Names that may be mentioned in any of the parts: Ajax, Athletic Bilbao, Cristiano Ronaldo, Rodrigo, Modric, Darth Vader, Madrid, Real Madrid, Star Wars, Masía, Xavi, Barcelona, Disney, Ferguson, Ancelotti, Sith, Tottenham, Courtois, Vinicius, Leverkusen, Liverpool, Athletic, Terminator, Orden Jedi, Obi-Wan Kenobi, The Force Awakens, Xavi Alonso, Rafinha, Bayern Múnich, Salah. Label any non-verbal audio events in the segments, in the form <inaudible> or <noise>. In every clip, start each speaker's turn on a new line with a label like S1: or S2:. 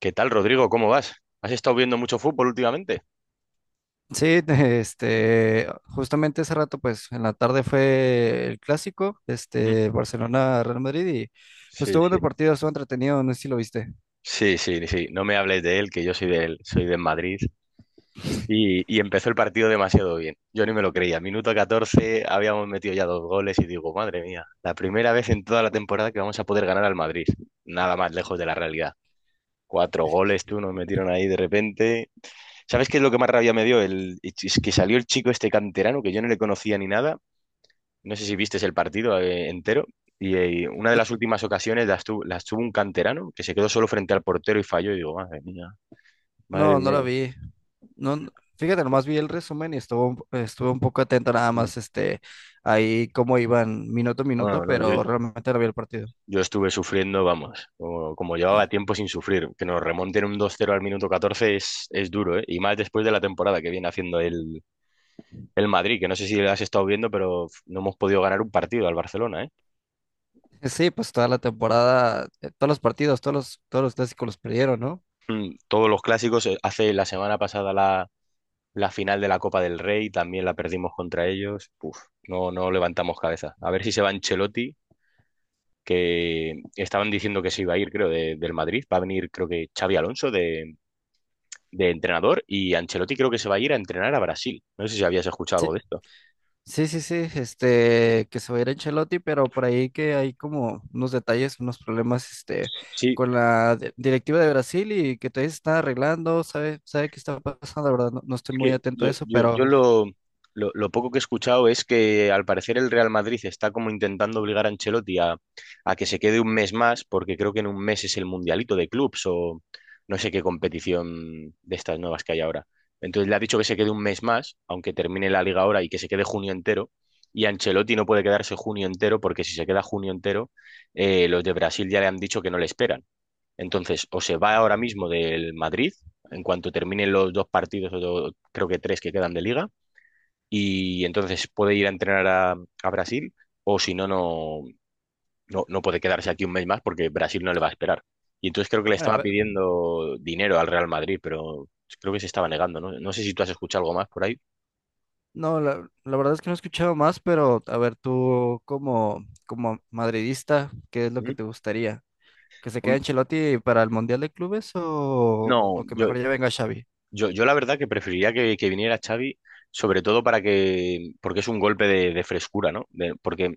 S1: ¿Qué tal, Rodrigo? ¿Cómo vas? ¿Has estado viendo mucho fútbol últimamente?
S2: Sí, <laughs> justamente hace rato, pues, en la tarde fue el clásico,
S1: Mm,
S2: Barcelona-Real Madrid y, pues,
S1: sí,
S2: tuvo un
S1: sí.
S2: partido, estuvo entretenido, no sé si lo viste.
S1: Sí, sí, sí. No me hables de él, que yo soy de él, soy de Madrid. Y empezó el partido demasiado bien. Yo ni me lo creía. Minuto 14, habíamos metido ya dos goles y digo, madre mía, la primera vez en toda la temporada que vamos a poder ganar al Madrid. Nada más lejos de la realidad. Cuatro goles, tú, nos metieron ahí de repente. ¿Sabes qué es lo que más rabia me dio? El, es que salió el chico este canterano, que yo no le conocía ni nada. No sé si viste el partido entero. Y una de
S2: No,
S1: las últimas ocasiones las tuvo un canterano que se quedó solo frente al portero y falló. Y digo, madre mía, madre
S2: no, no
S1: mía.
S2: lo
S1: que-
S2: vi. No, fíjate, nomás vi el resumen y estuve un poco atento nada más, ahí cómo iban minuto a minuto,
S1: Bueno, no, yo,
S2: pero realmente no vi el partido.
S1: yo estuve sufriendo, vamos, como, como llevaba tiempo sin sufrir. Que nos remonten un 2-0 al minuto 14 es duro, ¿eh? Y más después de la temporada que viene haciendo el Madrid, que no sé si lo has estado viendo, pero no hemos podido ganar un partido al Barcelona, ¿eh?
S2: Sí, pues, toda la temporada, todos los partidos, todos los clásicos los perdieron, ¿no?
S1: Mm, todos los clásicos, hace la semana pasada la final de la Copa del Rey también la perdimos contra ellos. Uf, no, no levantamos cabeza. A ver si se va Ancelotti, que estaban diciendo que se iba a ir, creo, del Madrid. Va a venir, creo que Xavi Alonso de entrenador y Ancelotti creo que se va a ir a entrenar a Brasil. No sé si habías escuchado algo
S2: Sí,
S1: de esto.
S2: Sí, sí, sí, que se va a ir Ancelotti, pero por ahí que hay como unos detalles, unos problemas,
S1: Sí,
S2: con la directiva de Brasil y que todavía se están arreglando, sabe qué está pasando, la verdad, no estoy
S1: es
S2: muy
S1: que
S2: atento a
S1: yo,
S2: eso, pero,
S1: yo lo, lo poco que he escuchado es que al parecer el Real Madrid está como intentando obligar a Ancelotti a que se quede un mes más, porque creo que en un mes es el Mundialito de Clubs o no sé qué competición de estas nuevas que hay ahora. Entonces le ha dicho que se quede un mes más, aunque termine la liga ahora y que se quede junio entero. Y Ancelotti no puede quedarse junio entero porque si se queda junio entero, los de Brasil ya le han dicho que no le esperan. Entonces, o se va ahora mismo del Madrid, en cuanto terminen los dos partidos, o creo que tres que quedan de liga, y entonces puede ir a entrenar a Brasil, o si no, no, no, no puede quedarse aquí un mes más porque Brasil no le va a esperar. Y entonces creo que le
S2: bueno,
S1: estaba pidiendo dinero al Real Madrid, pero creo que se estaba negando, ¿no? No sé si tú has escuchado algo más por ahí.
S2: no, la verdad es que no he escuchado más, pero, a ver, tú como madridista, ¿qué es lo que
S1: ¿Mm?
S2: te gustaría? ¿Que se quede
S1: Hom-
S2: Ancelotti para el Mundial de Clubes o,
S1: No,
S2: o que
S1: yo,
S2: mejor ya venga Xavi?
S1: yo, yo la verdad que preferiría que viniera Xavi, sobre todo para que, porque es un golpe de frescura, ¿no? Porque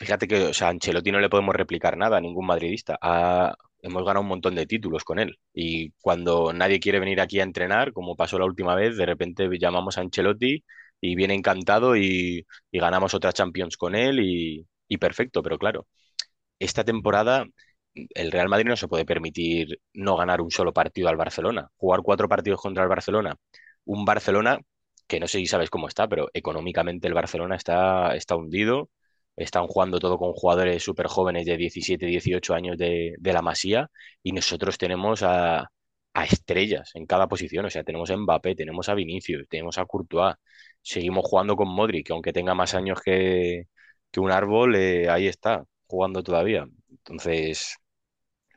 S1: fíjate que, o sea, a Ancelotti no le podemos replicar nada a ningún madridista. Hemos ganado un montón de títulos con él. Y cuando nadie quiere venir aquí a entrenar, como pasó la última vez, de repente llamamos a Ancelotti y viene encantado y ganamos otra Champions con él y perfecto. Pero claro, esta temporada el Real Madrid no se puede permitir no ganar un solo partido al Barcelona. Jugar cuatro partidos contra el Barcelona. Un Barcelona que no sé si sabes cómo está, pero económicamente el Barcelona está, está hundido. Están jugando todo con jugadores súper jóvenes de 17, 18 años de la Masía y nosotros tenemos a estrellas en cada posición. O sea, tenemos a Mbappé, tenemos a Vinicius, tenemos a Courtois. Seguimos jugando con Modric, que aunque tenga más años que un árbol, ahí está jugando todavía. Entonces,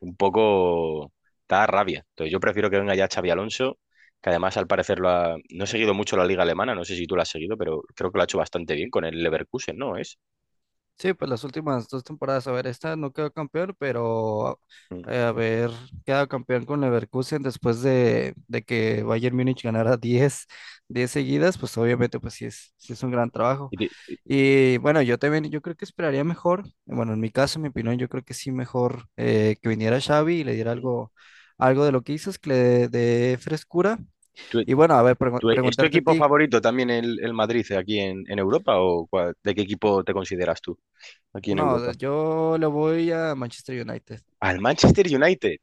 S1: un poco da rabia. Entonces, yo prefiero que venga ya Xavi Alonso, que además al parecer lo ha... No he seguido mucho la liga alemana, no sé si tú la has seguido, pero creo que lo ha hecho bastante bien con el Leverkusen, ¿no? Es.
S2: Sí, pues las últimas dos temporadas, a ver, esta no quedó campeón, pero
S1: Mm.
S2: a ver, queda campeón con Leverkusen después de que Bayern Múnich ganara diez seguidas, pues obviamente pues sí es un gran trabajo.
S1: ¿Y ti-
S2: Y bueno, yo también, yo creo que esperaría mejor, bueno, en mi caso, en mi opinión, yo creo que sí mejor que viniera Xavi y le diera algo de lo que hizo, es que le dé frescura.
S1: tu-
S2: Y bueno, a ver,
S1: ¿Es tu
S2: preguntarte a
S1: equipo
S2: ti,
S1: favorito también el Madrid aquí en Europa o ¿de qué equipo te consideras tú aquí en
S2: no,
S1: Europa?
S2: yo le voy a Manchester United.
S1: Al Manchester United.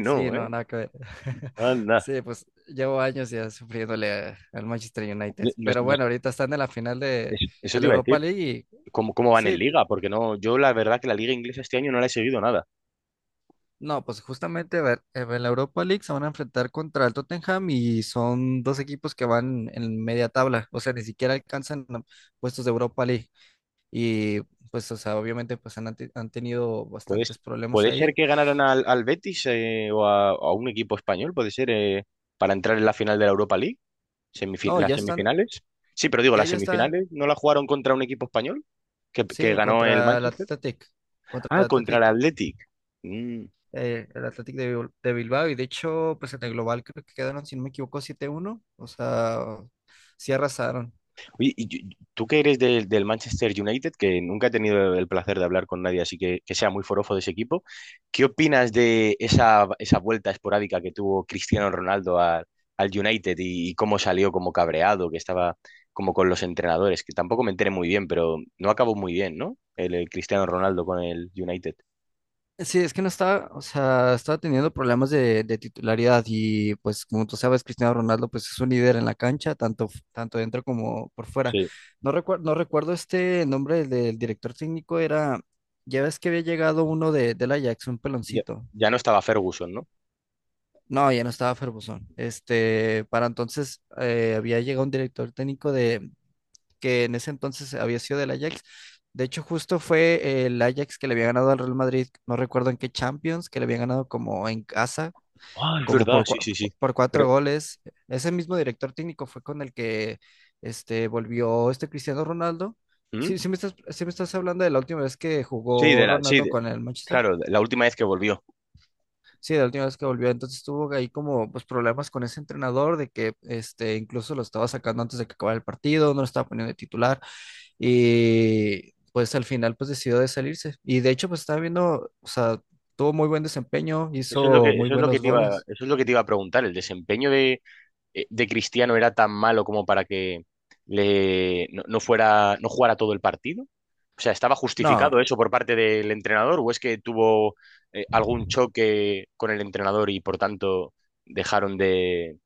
S2: Sí, no,
S1: ¿eh?
S2: nada que ver. <laughs>
S1: Anda.
S2: Sí, pues llevo años ya sufriéndole al Manchester United.
S1: No- no-
S2: Pero
S1: no-
S2: bueno, ahorita están en la final de,
S1: Eso
S2: de
S1: te
S2: la
S1: iba a decir.
S2: Europa League y
S1: ¿Cómo, cómo van en
S2: sí,
S1: Liga? Porque no, yo la verdad que la Liga inglesa este año no la he seguido nada.
S2: no, pues justamente a ver, en la Europa League se van a enfrentar contra el Tottenham y son dos equipos que van en media tabla, o sea, ni siquiera alcanzan puestos de Europa League. Y pues, o sea, obviamente pues han tenido
S1: Puede,
S2: bastantes problemas
S1: puede
S2: ahí.
S1: ser que ganaran al, al Betis o a un equipo español, puede ser, para entrar en la final de la Europa League,
S2: No,
S1: las
S2: ya están,
S1: semifinales. Sí, pero digo,
S2: ya,
S1: las
S2: ya está,
S1: semifinales no la jugaron contra un equipo español que
S2: sí,
S1: ganó el
S2: contra el
S1: Manchester.
S2: Athletic, contra el
S1: Ah, contra el
S2: Athletic.
S1: Athletic. Mm,
S2: El Athletic de Bilbao y de hecho, pues en el global creo que quedaron, si no me equivoco, 7-1 o sea, sí arrasaron.
S1: oye, tú que eres del, del Manchester United, que nunca he tenido el placer de hablar con nadie, así que sea muy forofo de ese equipo, ¿qué opinas de esa, esa vuelta esporádica que tuvo Cristiano Ronaldo al, al United y cómo salió como cabreado, que estaba como con los entrenadores? Que tampoco me enteré muy bien, pero no acabó muy bien, ¿no? El Cristiano Ronaldo con el United.
S2: Sí, es que no estaba, o sea, estaba teniendo problemas de titularidad y pues como tú sabes, Cristiano Ronaldo pues es un líder en la cancha, tanto dentro como por fuera.
S1: Sí,
S2: No recuerdo este nombre del director técnico, era, ya ves que había llegado uno del Ajax, un
S1: ya,
S2: peloncito.
S1: ya no estaba Ferguson, ¿no?
S2: No, ya no estaba Ferguson. Para entonces había llegado un director técnico que en ese entonces había sido del Ajax. De hecho, justo fue el Ajax que le había ganado al Real Madrid, no recuerdo en qué Champions, que le había ganado como en casa,
S1: Ah, es
S2: como
S1: verdad,
S2: por,
S1: sí,
S2: cua-
S1: sí, sí.
S2: por
S1: Pero,
S2: cuatro goles. Ese mismo director técnico fue con el que volvió este Cristiano Ronaldo.
S1: ¿mm?
S2: Sí, sí me estás hablando de la última vez que
S1: Sí,
S2: jugó
S1: de la, sí,
S2: Ronaldo
S1: de-
S2: con el Manchester.
S1: claro, de la última vez que volvió.
S2: Sí, la última vez que volvió. Entonces tuvo ahí como pues, problemas con ese entrenador de que incluso lo estaba sacando antes de que acabara el partido, no lo estaba poniendo de titular. Y pues al final pues decidió de salirse. Y de hecho pues estaba viendo, o sea, tuvo muy buen desempeño,
S1: Eso es lo
S2: hizo
S1: que,
S2: muy
S1: eso es lo que
S2: buenos
S1: te iba,
S2: goles.
S1: eso es lo que te iba a preguntar. ¿El desempeño de Cristiano era tan malo como para que le, no, no fuera, no jugara todo el partido? O sea, ¿estaba
S2: No,
S1: justificado eso por parte del entrenador o es que tuvo algún choque con el entrenador y por tanto dejaron de,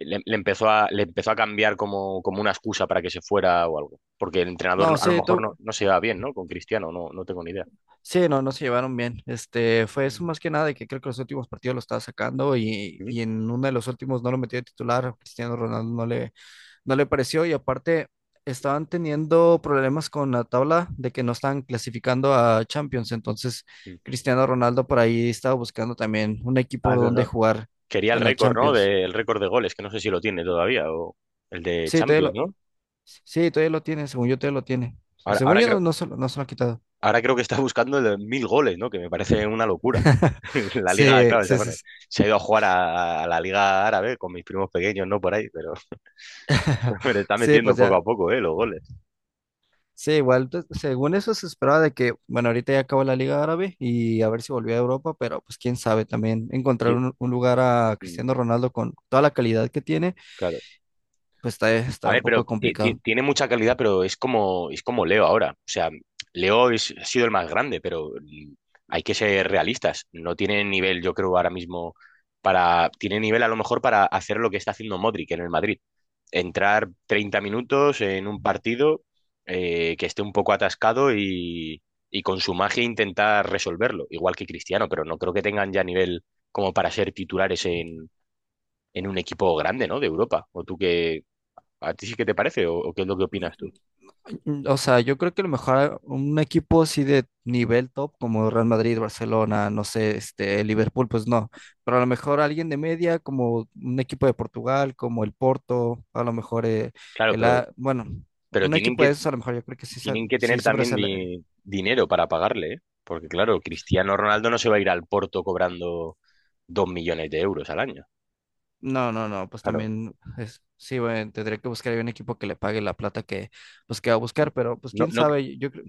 S1: le, empezó a, le empezó a cambiar como, como una excusa para que se fuera o algo? Porque el entrenador
S2: no,
S1: no, a lo
S2: sí,
S1: mejor no, no se va bien, ¿no? Con Cristiano, no, no tengo ni idea.
S2: sí, no se llevaron bien. Fue eso
S1: Mm.
S2: más que nada de que creo que los últimos partidos lo estaba sacando y,
S1: Mm.
S2: y en uno de los últimos no lo metió de titular, Cristiano Ronaldo no le... no le pareció y aparte estaban teniendo problemas con la tabla de que no estaban clasificando a Champions, entonces Cristiano Ronaldo por ahí estaba buscando también un
S1: Ah,
S2: equipo
S1: es
S2: donde
S1: verdad.
S2: jugar
S1: Quería el
S2: en la
S1: récord, ¿no?
S2: Champions.
S1: De- el récord de goles, que no sé si lo tiene todavía, o el de
S2: Sí,
S1: Champions, ¿no?
S2: sí, todavía lo tiene, según yo todavía lo tiene.
S1: Ahora,
S2: Según yo no se lo ha quitado.
S1: ahora creo que está buscando el de 1.000 goles, ¿no? Que me parece una locura.
S2: <laughs>
S1: <laughs> La liga,
S2: Sí,
S1: claro, o sea,
S2: sí, sí.
S1: bueno,
S2: Sí,
S1: se ha ido a jugar a la liga árabe con mis primos pequeños, ¿no? Por ahí, pero, <laughs> pero
S2: <laughs>
S1: está
S2: Sí,
S1: metiendo
S2: pues
S1: poco
S2: ya,
S1: a poco, ¿eh? Los goles.
S2: Sí, igual, pues, según eso se esperaba de que, bueno, ahorita ya acabó la Liga Árabe y a ver si volvió a Europa, pero pues quién sabe también encontrar
S1: Yo-
S2: un lugar a
S1: mm,
S2: Cristiano Ronaldo con toda la calidad que tiene,
S1: claro.
S2: pues está,
S1: A
S2: está un
S1: ver, pero
S2: poco complicado.
S1: tiene mucha calidad, pero es como Leo ahora. O sea, ha sido el más grande, pero mm, hay que ser realistas. No tiene nivel, yo creo, ahora mismo para... Tiene nivel a lo mejor para hacer lo que está haciendo Modric en el Madrid. Entrar 30 minutos en un partido que esté un poco atascado y con su magia intentar resolverlo, igual que Cristiano, pero no creo que tengan ya nivel como para ser titulares en un equipo grande, ¿no? De Europa. ¿O tú qué, ¿a ti sí que te parece o qué es lo que opinas tú?
S2: O sea, yo creo que a lo mejor un equipo así de nivel top como Real Madrid, Barcelona, no sé, Liverpool, pues no, pero a lo mejor alguien de media como un equipo de Portugal, como el Porto, a lo mejor
S1: Claro, pero
S2: Bueno.
S1: pero
S2: Un equipo de esos a lo mejor yo creo que
S1: tienen que
S2: sí
S1: tener también
S2: sobresale,
S1: dinero para pagarle, ¿eh? Porque claro, Cristiano Ronaldo no se va a ir al Porto cobrando 2 millones de euros al año.
S2: No, no, no, pues
S1: Claro.
S2: también es, sí, bueno, tendría que buscar ahí un equipo que le pague la plata que, pues, que va a buscar, pero pues
S1: ¿No,
S2: quién
S1: no,
S2: sabe, yo creo,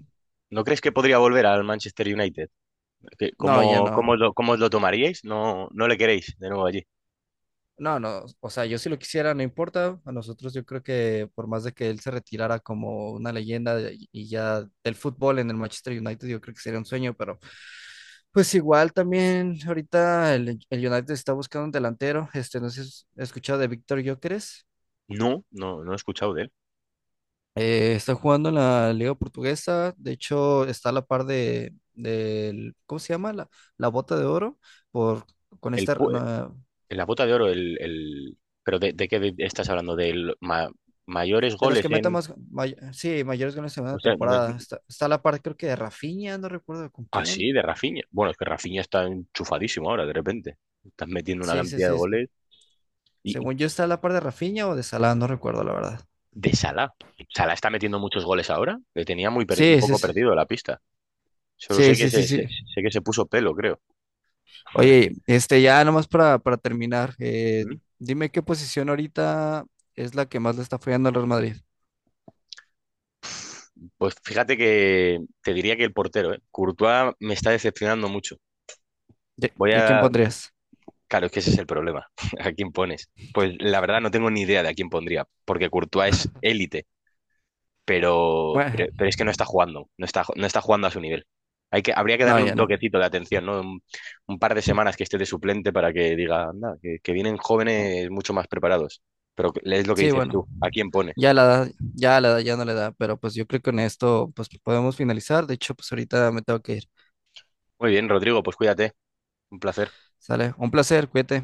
S1: no crees que podría volver al Manchester United? ¿Qué-
S2: no, ya
S1: ¿cómo,
S2: no,
S1: cómo lo tomaríais? ¿No, no le queréis de nuevo allí?
S2: no, no, o sea, yo si lo quisiera, no importa, a nosotros yo creo que por más de que él se retirara como una leyenda y ya del fútbol en el Manchester United, yo creo que sería un sueño, pero pues igual también ahorita el United está buscando un delantero, no sé si has escuchado de Víctor Gyökeres.
S1: No, no, no he escuchado de él.
S2: Está jugando en la Liga Portuguesa, de hecho está a la par del, ¿cómo se llama? La bota de oro por, con
S1: El,
S2: este,
S1: pu- eh,
S2: no,
S1: la bota de oro, ¿pero de qué estás hablando? ¿De mayores
S2: de los
S1: goles
S2: que metan
S1: en...?
S2: más, sí, mayores goles en
S1: O
S2: una
S1: sea, no-
S2: temporada. Está a la par creo que de Rafinha, no recuerdo con
S1: Ah, sí,
S2: quién.
S1: de Rafinha. Bueno, es que Rafinha está enchufadísimo ahora, de repente. Estás metiendo una
S2: Sí, sí,
S1: cantidad de
S2: sí. sí.
S1: goles. Y
S2: Según yo está a la par de Rafinha o de Salah, no recuerdo la verdad.
S1: de Salah. Salah está metiendo muchos goles ahora. Le tenía muy un
S2: Sí, sí,
S1: poco
S2: sí.
S1: perdido la pista. Solo
S2: Sí,
S1: sé que
S2: sí, sí,
S1: se,
S2: sí.
S1: sé que se puso pelo, creo.
S2: Oye, ya nomás para terminar,
S1: ¿Mm?
S2: dime qué posición ahorita es la que más le está fallando al Real Madrid.
S1: Pues fíjate que te diría que el portero, ¿eh? Courtois me está decepcionando mucho.
S2: ¿Y,
S1: Voy
S2: y a quién
S1: a...
S2: pondrías?
S1: Claro, es que ese es el problema. <laughs> ¿A quién pones? Pues la verdad no tengo ni idea de a quién pondría, porque Courtois es
S2: <laughs>
S1: élite
S2: Bueno,
S1: pero es que no está jugando, no está, no está jugando a su nivel. Hay que, habría que
S2: no,
S1: darle un
S2: ya no.
S1: toquecito de atención, ¿no? Un par de semanas que esté de suplente para que diga, anda, que vienen jóvenes mucho más preparados. Pero es lo que
S2: Sí,
S1: dices
S2: bueno,
S1: tú, ¿a quién pones?
S2: ya la edad ya no le da, pero pues yo creo que con esto pues podemos finalizar. De hecho, pues ahorita me tengo que ir.
S1: Muy bien, Rodrigo, pues cuídate, un placer.
S2: Sale, un placer, cuídate.